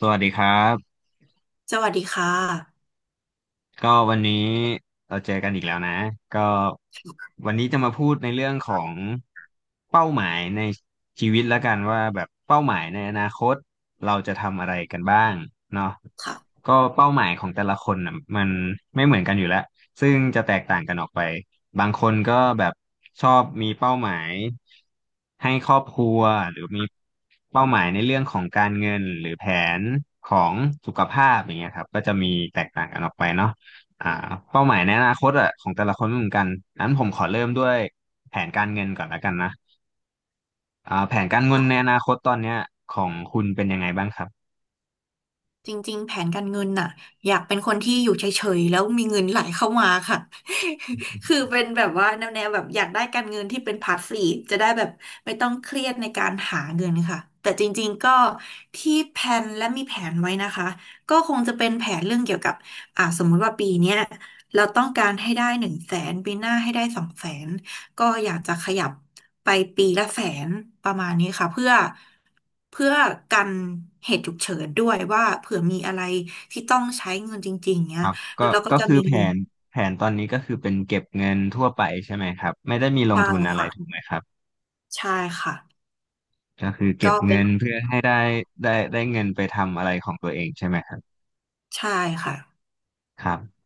สวัสดีครับ สวัสดีค่ะก็วันนี้เราเจอกันอีกแล้วนะก็วันนี้จะมาพูดในเรื่องของเป้าหมายในชีวิตแล้วกันว่าแบบเป้าหมายในอนาคตเราจะทำอะไรกันบ้างเนาะค่ะ ก็เป้าหมายของแต่ละคนน่ะมันไม่เหมือนกันอยู่แล้วซึ่งจะแตกต่างกันออกไปบางคนก็แบบชอบมีเป้าหมายให้ครอบครัวหรือมีเป้าหมายในเรื่องของการเงินหรือแผนของสุขภาพอย่างเงี้ยครับก็จะมีแตกต่างกันออกไปเนาะ อ่าเป้าหมายในอนาคตอ่ะของแต่ละคนไม่เหมือนกันนั้นผมขอเริ่มด้วยแผนการเงินก่อนและกันนะอ่าแผนการเงินในอนาคตตอนเนี้ยของคุณเป็นยังไงบ้างครับจริงๆแผนการเงินน่ะอยากเป็นคนที่อยู่เฉยๆแล้วมีเงินไหลเข้ามาค่ะ คือเป็นแบบว่าแนวๆแบบอยากได้การเงินที่เป็นพาสซีฟจะได้แบบไม่ต้องเครียดในการหาเงินค่ะ แต่จริงๆก็ที่แพลนและมีแผนไว้นะคะ ก็คงจะเป็นแผนเรื่องเกี่ยวกับสมมุติว่าปีเนี้ยเราต้องการให้ได้100,000ปีหน้าให้ได้200,000 ก็อยากจะขยับไปปีละแสนประมาณนี้ค่ะเพื่อกันเหตุฉุกเฉินด้วยว่าเผื่อมีอะไรที่ต้องใช้เงินจริงๆเนี้คยรับก็เราก็ก็จะคือมีแผเงินนแผนตอนนี้ก็คือเป็นเก็บเงินทั่วไปใช่ไหมครับไม่ได้มีลงใช่ทุนอะไรค่ะถูกไหมครับใช่ค่ะก็คือเก็ก็บเป็นเงินเพื่อให้ได้เงินไปทำอะไรของตัวเองใช่ไหมครับใช่ค่ะครับ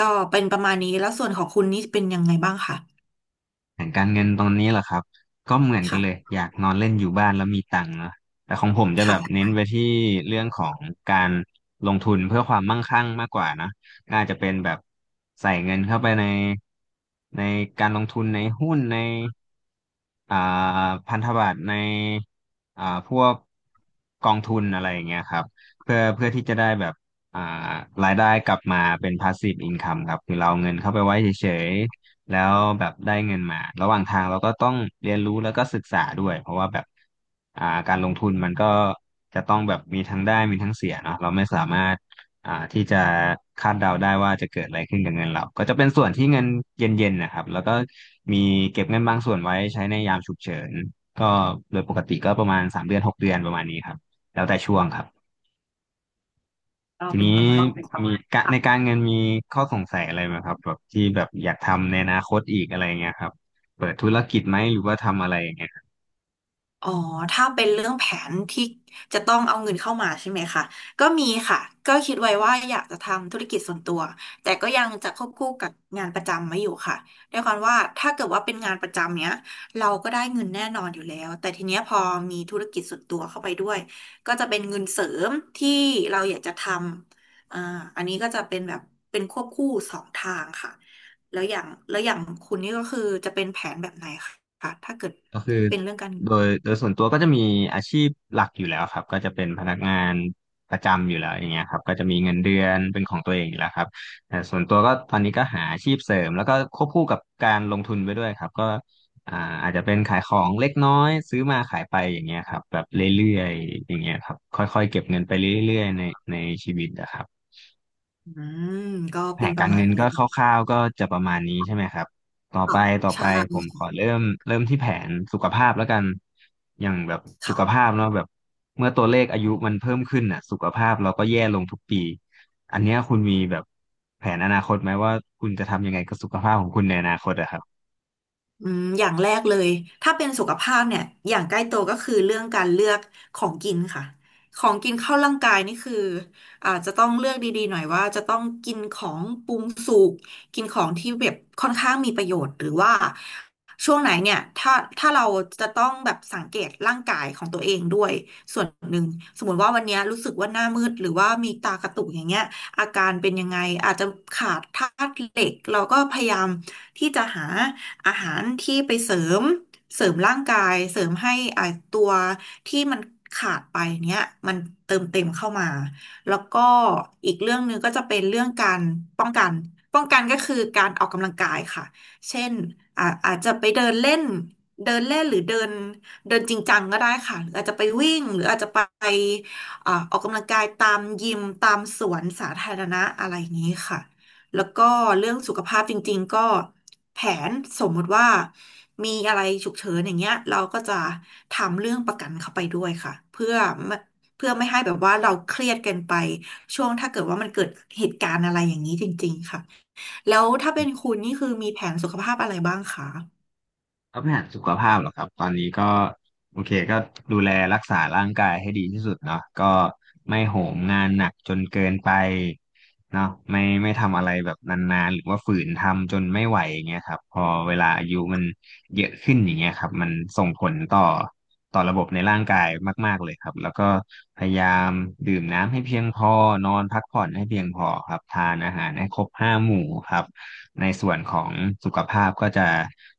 ก็เป็นประมาณนี้แล้วส่วนของคุณนี่เป็นยังไงบ้างค่ะแผนการเงินตรงนี้เหรอครับก็เหมือนกันเลยค่ะอยากนอนเล่นอยู่บ้านแล้วมีตังค์เนาะแต่ของผมจะแบบค่ะเน้นไปที่เรื่องของการลงทุนเพื่อความมั่งคั่งมากกว่านะก็อาจจะเป็นแบบใส่เงินเข้าไปในในการลงทุนในหุ้นในอ่าพันธบัตรในพวกกองทุนอะไรอย่างเงี้ยครับเพื่อที่จะได้แบบอ่ารายได้กลับมาเป็น passive income ครับคือเราเอาเงินเข้าไปไว้เฉยๆ แล้วแบบได้เงินมาระหว่างทางเราก็ต้องเรียนรู้แล้วก็ศึกษาด้วยเพราะว่าแบบการลงทุนมันก็จะต้องแบบมีทั้งได้มีทั้งเสียเนาะเราไม่สามารถที่จะคาดเดาได้ว่าจะเกิดอะไรขึ้นกับเงินเราก็จะเป็นส่วนที่เงินเย็นๆนะครับแล้วก็มีเก็บเงินบางส่วนไว้ใช้ในยามฉุกเฉินก็โดยปกติก็ประมาณ3 เดือน6 เดือนประมาณนี้ครับแล้วแต่ช่วงครับ ก็ทีเป็นนี้ประมาณนี้ มีกะในการเงินมีข้อสงสัยอะไรไหมครับแบบที่แบบอยากทำในอนาคตอีกอะไรเงี้ยครับเปิดธุรกิจไหมหรือว่าทำอะไรยังไง อ๋อถ้าเป็นเรื่องแผนที่จะต้องเอาเงินเข้ามาใช่ไหมคะก็มีค่ะ ก็คิดไว้ว่าอยากจะทำธุรกิจส่วนตัว แต่ก็ยังจะควบคู่กับงานประจำไว้อยู่ค่ะด้วยความว่าถ้าเกิดว่าเป็นงานประจำเนี้ยเราก็ได้เงินแน่นอนอยู่แล้วแต่ทีเนี้ยพอมีธุรกิจส่วนตัวเข้าไปด้วยก็จะเป็นเงินเสริมที่เราอยากจะทำอันนี้ก็จะเป็นแบบเป็นควบคู่สองทางค่ะแล้วอย่างแล้วอย่างคุณนี่ก็คือจะเป็นแผนแบบไหนคะถ้าเกิดก็คือเป็นเรื่องการ โดยส่วนตัวก็จะมีอาชีพหลักอยู่แล้วครับก็จะเป็นพนักงานประจำอยู่แล้วอย่างเงี้ยครับก็จะมีเงินเดือนเป็นของตัวเองอยู่แล้วครับแต่ส่วนตัวก็ตอนนี้ก็หาอาชีพเสริมแล้วก็ควบคู่กับการลงทุนไปด้วยครับก็อ่าอาจจะเป็นขายของเล็กน้อยซื้อมาขายไปอย่างเงี้ยครับแบบเรื่อยๆอย่างเงี้ยครับค่อยๆเก็บเงินไปเรื่อยๆในในชีวิตนะครับ อืมก็แผเป็นนปการะรมาเงิณนก็นี้คร่าวๆก็จะประมาณนี้ใช่ไหมครับต่อไปค่ะต่อไปใช่ผมขอเริ่มที่แผนสุขภาพแล้วกันอย่างแบบสุขภาค่ะ พเนาะแบบเมื่อตัวเลขอายุมันเพิ่มขึ้นอ่ะสุขภาพเราก็แย่ลงทุกปีอันเนี้ยคุณมีแบบแผนอนาคตไหมว่าคุณจะทำยังไงกับสุขภาพของคุณในอนาคตอะครับ อืมอย่างแรกเลยถ้าเป็นสุขภาพเนี่ยอย่างใกล้ตัวก็คือเรื่องการเลือกของกินค่ะของกินเข้าร่างกายนี่คืออาจจะต้องเลือกดีๆหน่อยว่าจะต้องกินของปรุงสุกกินของที่แบบค่อนข้างมีประโยชน์หรือว่าช่วงไหนเนี่ยถ้าเราจะต้องแบบสังเกตร่างกายของตัวเองด้วยส่วนหนึ่งสมมติว่าวันเนี้ยรู้สึกว่าหน้ามืดหรือว่ามีตากระตุกอย่างเงี้ยอาการเป็นยังไงอาจจะขาดธาตุเหล็กเราก็พยายามที่จะหา อาหารที่ไปเสริมร่างกายเสริมให้ตัวที่มันขาดไปเนี้ยมันเติมเต็มเข้ามาแล้วก็อีกเรื่องหนึ่งก็จะเป็นเรื่องการป้องกันป้องกันก็คือการออกกำลังกายค่ะเช่นอาจจะไปเดินเล่นเดินเล่นหรือเดินเดินจริงจังก็ได้ค่ะหรืออาจจะไปวิ่งหรืออาจจะไปออกกำลังกายตามยิมตามสวนสาธารณะอะไรอย่างนี้ค่ะ แล้วก็เรื่องสุขภาพจริงๆก็แผนสมมติว่ามีอะไรฉุกเฉินอย่างเงี้ยเราก็จะทำเรื่องประกันเข้าไปด้วยค่ะไม่เพื่อไม่ให้แบบว่าเราเครียดเกินไปช่วงถ้าเกิดว่ามันเกิดเหตุการณ์อะไรอย่างนี้จริงๆค่ะแล้วถ้าเป็นคุณนี่คือมีแผนสุขภาพอะไรบ้างคะก็ปัญหาสุขภาพเหรอครับตอนนี้ก็โอเคก็ดูแลรักษาร่างกายให้ดีที่สุดเนาะก็ไม่โหมงานหนักจนเกินไปเนาะไม่ทำอะไรแบบนานๆหรือว่าฝืนทำจนไม่ไหวอย่างเงี้ยครับพอเวลาอายุมันเยอะขึ้นอย่างเงี้ยครับมันส่งผลต่อระบบในร่างกายมากๆเลยครับแล้วก็พยายามดื่มน้ำให้เพียงพอนอนพักผ่อนให้เพียงพอครับทานอาหารให้ครบห้าหมู่ครับ ในส่วนของสุขภาพก็จะ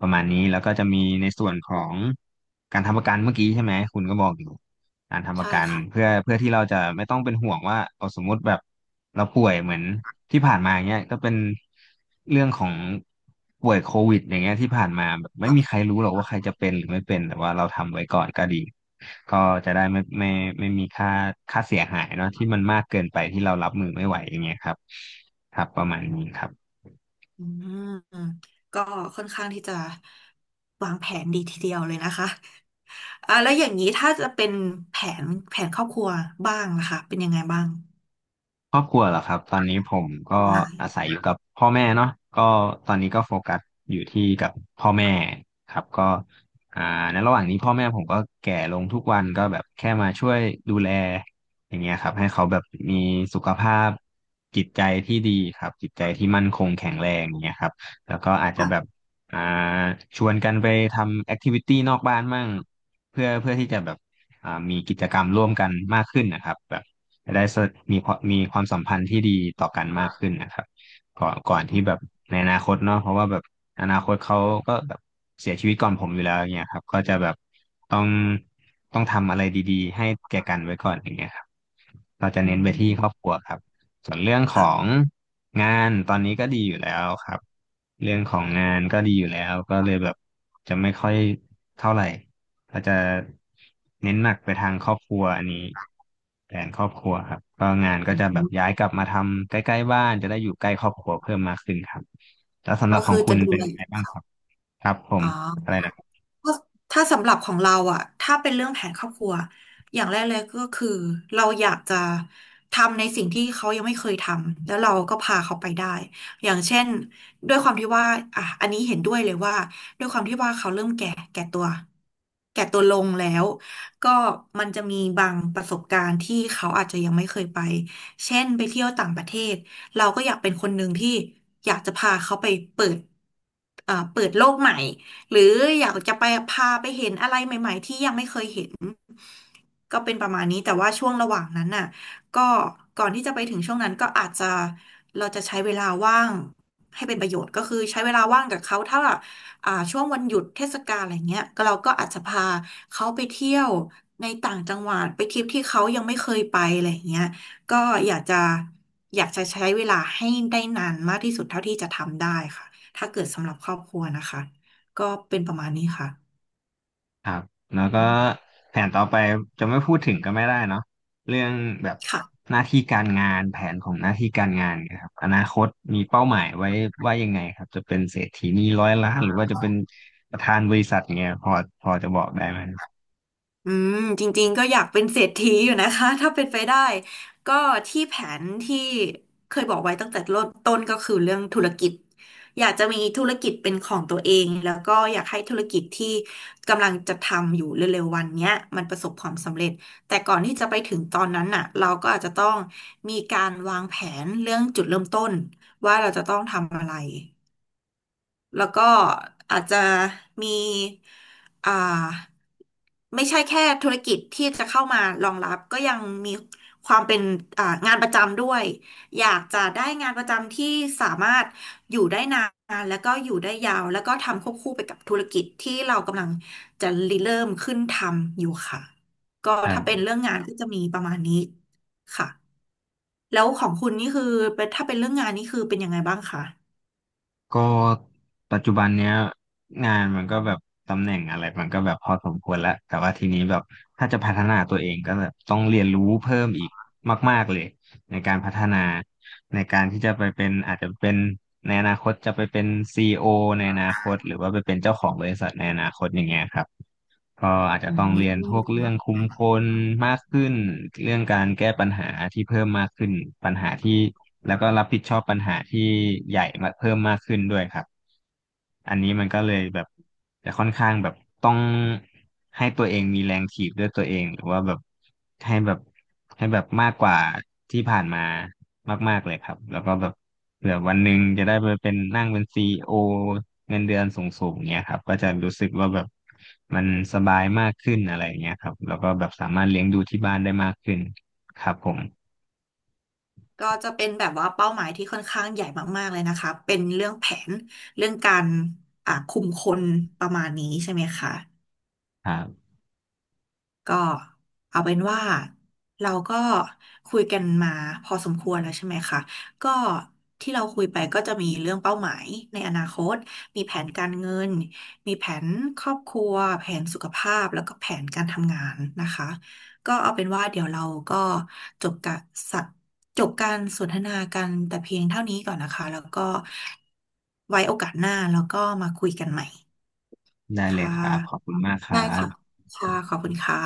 ประมาณนี้แล้วก็จะมีในส่วนของการทำประกันเมื่อกี้ใช่ไหมคุณก็บอกอยู่การทำประใช่กันค่ะเพื่อที่เราจะไม่ต้องเป็นห่วงว่าเอาสมมุติแบบเราป่วยเหมือนที่ผ่านมาอย่างเงี้ยก็เป็นเรื่องของป่วยโควิดอย่างเงี้ยที่ผ่านมาแบบไม่ก็มีใครรู้หรอกว่าใครจะเป็นหรือไม่เป็นแต่ว่าเราทำไว้ก่อนก็ดีก็จะได้ไม่มีค่าเสียหายเนาะที่มันมากเกินไปที่เรารับมือไม่ไหวอย่างเงี้ยครับครับประมาณนี้ครับ อืมก็ค่อนข้างที่จะวางแผนดีทีเดียวเลยนะคะ อ่ะแล้วอย่างนี้ถ้าจะเป็นแผแผนครอบครัวบ้างล่ะคะเป็นยังไงบ้างครอบครัวเหรอครับตอนนี้ผมก็ออนไลน์อาศัยอยู่กับพ่อแม่เนาะก็ตอนนี้ก็โฟกัสอยู่ที่กับพ่อแม่ครับก็อ่าในระหว่างนี้พ่อแม่ผมก็แก่ลงทุกวันก็แบบแค่มาช่วยดูแลอย่างเงี้ยครับให้เขาแบบมีสุขภาพจิตใจที่ดีครับจิตใจที่มั่นคงแข็งแรงอย่างเงี้ยครับแล้วก็อาจจะแบบค่ะอ่าชวนกันไปทำแอคทิวิตี้นอกบ้านมั่งเพื่อที่จะแบบมีกิจกรรมร่วมกันมากขึ้นนะครับแบบ จะได้มีความสัมพันธ์ที่ดีต่อกันมากขึ้นนะครับก่อนที่แบบในอนาคตเนาะเพราะว่าแบบอนาคตเขาก็แบบเสียชีวิตก่อนผมอยู่แล้วอย่างเงี้ยครับก็จะแบบต้องต้องทำอะไรดีๆให้แก่กันไว้ก่อนอย่างเงี้ยครับเราจะอืเน้นไปที่ครอบมครัวครับส่วนเรื่องของค่ะงานตอนนี้ก็ดีอยู่แล้วครับเรื่องของงานก็ดีอยู่แล้วก็เลยแบบจะไม่ค่อยเท่าไหร่ เราจะเน้นหนักไปทางครอบครัวอันนี้แผนครอบครัวครับก็งานก็อืจะแบบย้ามยกลับมาทำใกล้ๆบ้านจะได้อยู่ใกล้ครอบครัวเพิ่มมากขึ้นครับแล้วสำหก็รับขอคืองคุจะณดูเป็นแลยังไงบ้างครับครับผมอ๋อ อะไรนะครับก็ถ้าสำหรับของเราอะถ้าเป็นเรื่องแผนครอบครัวอย่างแรกเลยก็คือเราอยากจะทำในสิ่งที่เขายังไม่เคยทำแล้วเราก็พาเขาไปได้อย่างเช่นด้วยความที่ว่าอ่ะอันนี้เห็นด้วยเลยว่าด้วยความที่ว่าเขาเริ่มแก่แก่ตัวแก่ตัวลงแล้วก็มันจะมีบางประสบการณ์ที่เขาอาจจะยังไม่เคยไปเช่นไปเที่ยวต่างประเทศเราก็อยากเป็นคนหนึ่งที่อยากจะพาเขาไปเปิดเปิดโลกใหม่ หรืออยากจะไปพาไปเห็นอะไรใหม่ๆที่ยังไม่เคยเห็นก็เป็นประมาณนี้แต่ว่าช่วงระหว่างนั้นน่ะก็ก่อนที่จะไปถึงช่วงนั้นก็อาจจะเราจะใช้เวลาว่างให้เป็นประโยชน์ก็คือใช้เวลาว่างกับเขาถ้าช่วงวันหยุดเทศกาลอะไรเงี้ยก็เราก็อาจจะพาเขาไปเที่ยวในต่างจังหวัดไปทริปที่เขายังไม่เคยไปอะไรเงี้ยก็อยากจะอยากจะใช้เวลาให้ได้นานมากที่สุดเท่าที่จะทำได้ค่ะถ้าเกิดสำหรับครอบครัวนะคะ ก็เป็นประมาณนี้ค่ะครับแล้วก็อืมแผนต่อไปจะไม่พูดถึงก็ไม่ได้เนาะเรื่องแบบค่ะหน้าที่การงานแผนของหน้าที่การงานนะครับอนาคตมีเป้าหมายไว้ว่ายังไงครับจะเป็นเศรษฐีนีร้อยล้านหรือว่าจะเป็นประธานบริษัทเงี้ยพอจะบอกได้ไหมคอืมจริงๆก็อยากเป็นเศรษฐีอยู่นะคะ ถ้าเป็นไปได้ ก็ที่แผนที่เคยบอกไว้ตั้งแต่เริ่มต้นก็คือเรื่องธุรกิจ อยากจะมีธุรกิจเป็นของตัวเองแล้วก็อยากให้ธุรกิจที่กำลังจะทำอยู่เร็วๆวันเนี้ยมันประสบความสำเร็จ แต่ก่อนที่จะไปถึงตอนนั้นน่ะเราก็อาจจะต้องมีการวางแผนเรื่องจุดเริ่มต้นว่าเราจะต้องทำอะไร แล้วก็อาจจะมีอ่าไม่ใช่แค่ธุรกิจที่จะเข้ามารองรับก็ยังมีความเป็นงานประจำด้วยอยากจะได้งานประจำที่สามารถอยู่ได้นานแล้วก็อยู่ได้ยาวแล้วก็ทำควบคู่ไปกับธุรกิจที่เรากำลังจะริเริ่มขึ้นทำอยู่ค่ะก็รัถ้าบ เป็นเรื่องงานก็จะมีประมาณนี้ค่ะแล้วของคุณนี่คือเป็นถ้าเป็นเรื่องงานนี่คือเป็นยังไงบ้างคะก็ปัจจุบันเนี้ยงานมันก็แบบตำแหน่งอะไรมันก็แบบพอสมควรแล้วแต่ว่าทีนี้แบบถ้าจะพัฒนาตัวเองก็แบบต้องเรียนรู้เพิ่มอีกมากๆเลยในการพัฒนาในการที่จะไปเป็นอาจจะเป็นในอนาคตจะไปเป็นซีอีโอในอนาคตหรือว่าไปเป็นเจ้าของบริษัทในอนาคตอย่างเงี้ยครับ ก็อาจจะอืต้องเรียนพวกม เรื่องคุมคนมากขึ้นเรื่องการแก้ปัญหาที่เพิ่มมากขึ้นปัญหาที่แล้วก็รับผิดชอบปัญหาที่ใหญ่มาเพิ่มมากขึ้นด้วยครับอันนี้มันก็เลยแบบจะค่อนข้างแบบต้องให้ตัวเองมีแรงถีบด้วยตัวเองหรือว่าแบบให้แบบให้แบบมากกว่าที่ผ่านมามากๆเลยครับแล้วก็แบบเผื่อวันหนึ่งจะได้ไปเป็นนั่งเป็นซีอีโอเงินเดือนสูงๆเงี้ยครับก็จะรู้สึกว่าแบบ มันสบายมากขึ้นอะไรอย่างเงี้ยครับแล้วก็แบบสามารถเลี้ยงดูที่บ้านได้มากขึ้นครับผมก็จะเป็นแบบว่าเป้าหมายที่ค่อนข้างใหญ่มากๆเลยนะคะ เป็นเรื่องแผนเรื่องการคุมคนประมาณนี้ใช่ไหมคะ ครับก็เอาเป็นว่าเราก็คุยกันมาพอสมควรแล้วใช่ไหมคะก็ที่เราคุยไปก็จะมีเรื่องเป้าหมายในอนาคตมีแผนการเงินมีแผนครอบครัวแผนสุขภาพแล้วก็แผนการทำงานนะคะก็เอาเป็นว่าเดี๋ยวเราก็จบการสะจบการสนทนากันแต่เพียงเท่านี้ก่อนนะคะแล้วก็ไว้โอกาสหน้าแล้วก็มาคุยกันใหม่ได้เลยค่ครับขอบะคุณมากคได้รับค่ะค่ะขอบคุณค่ะ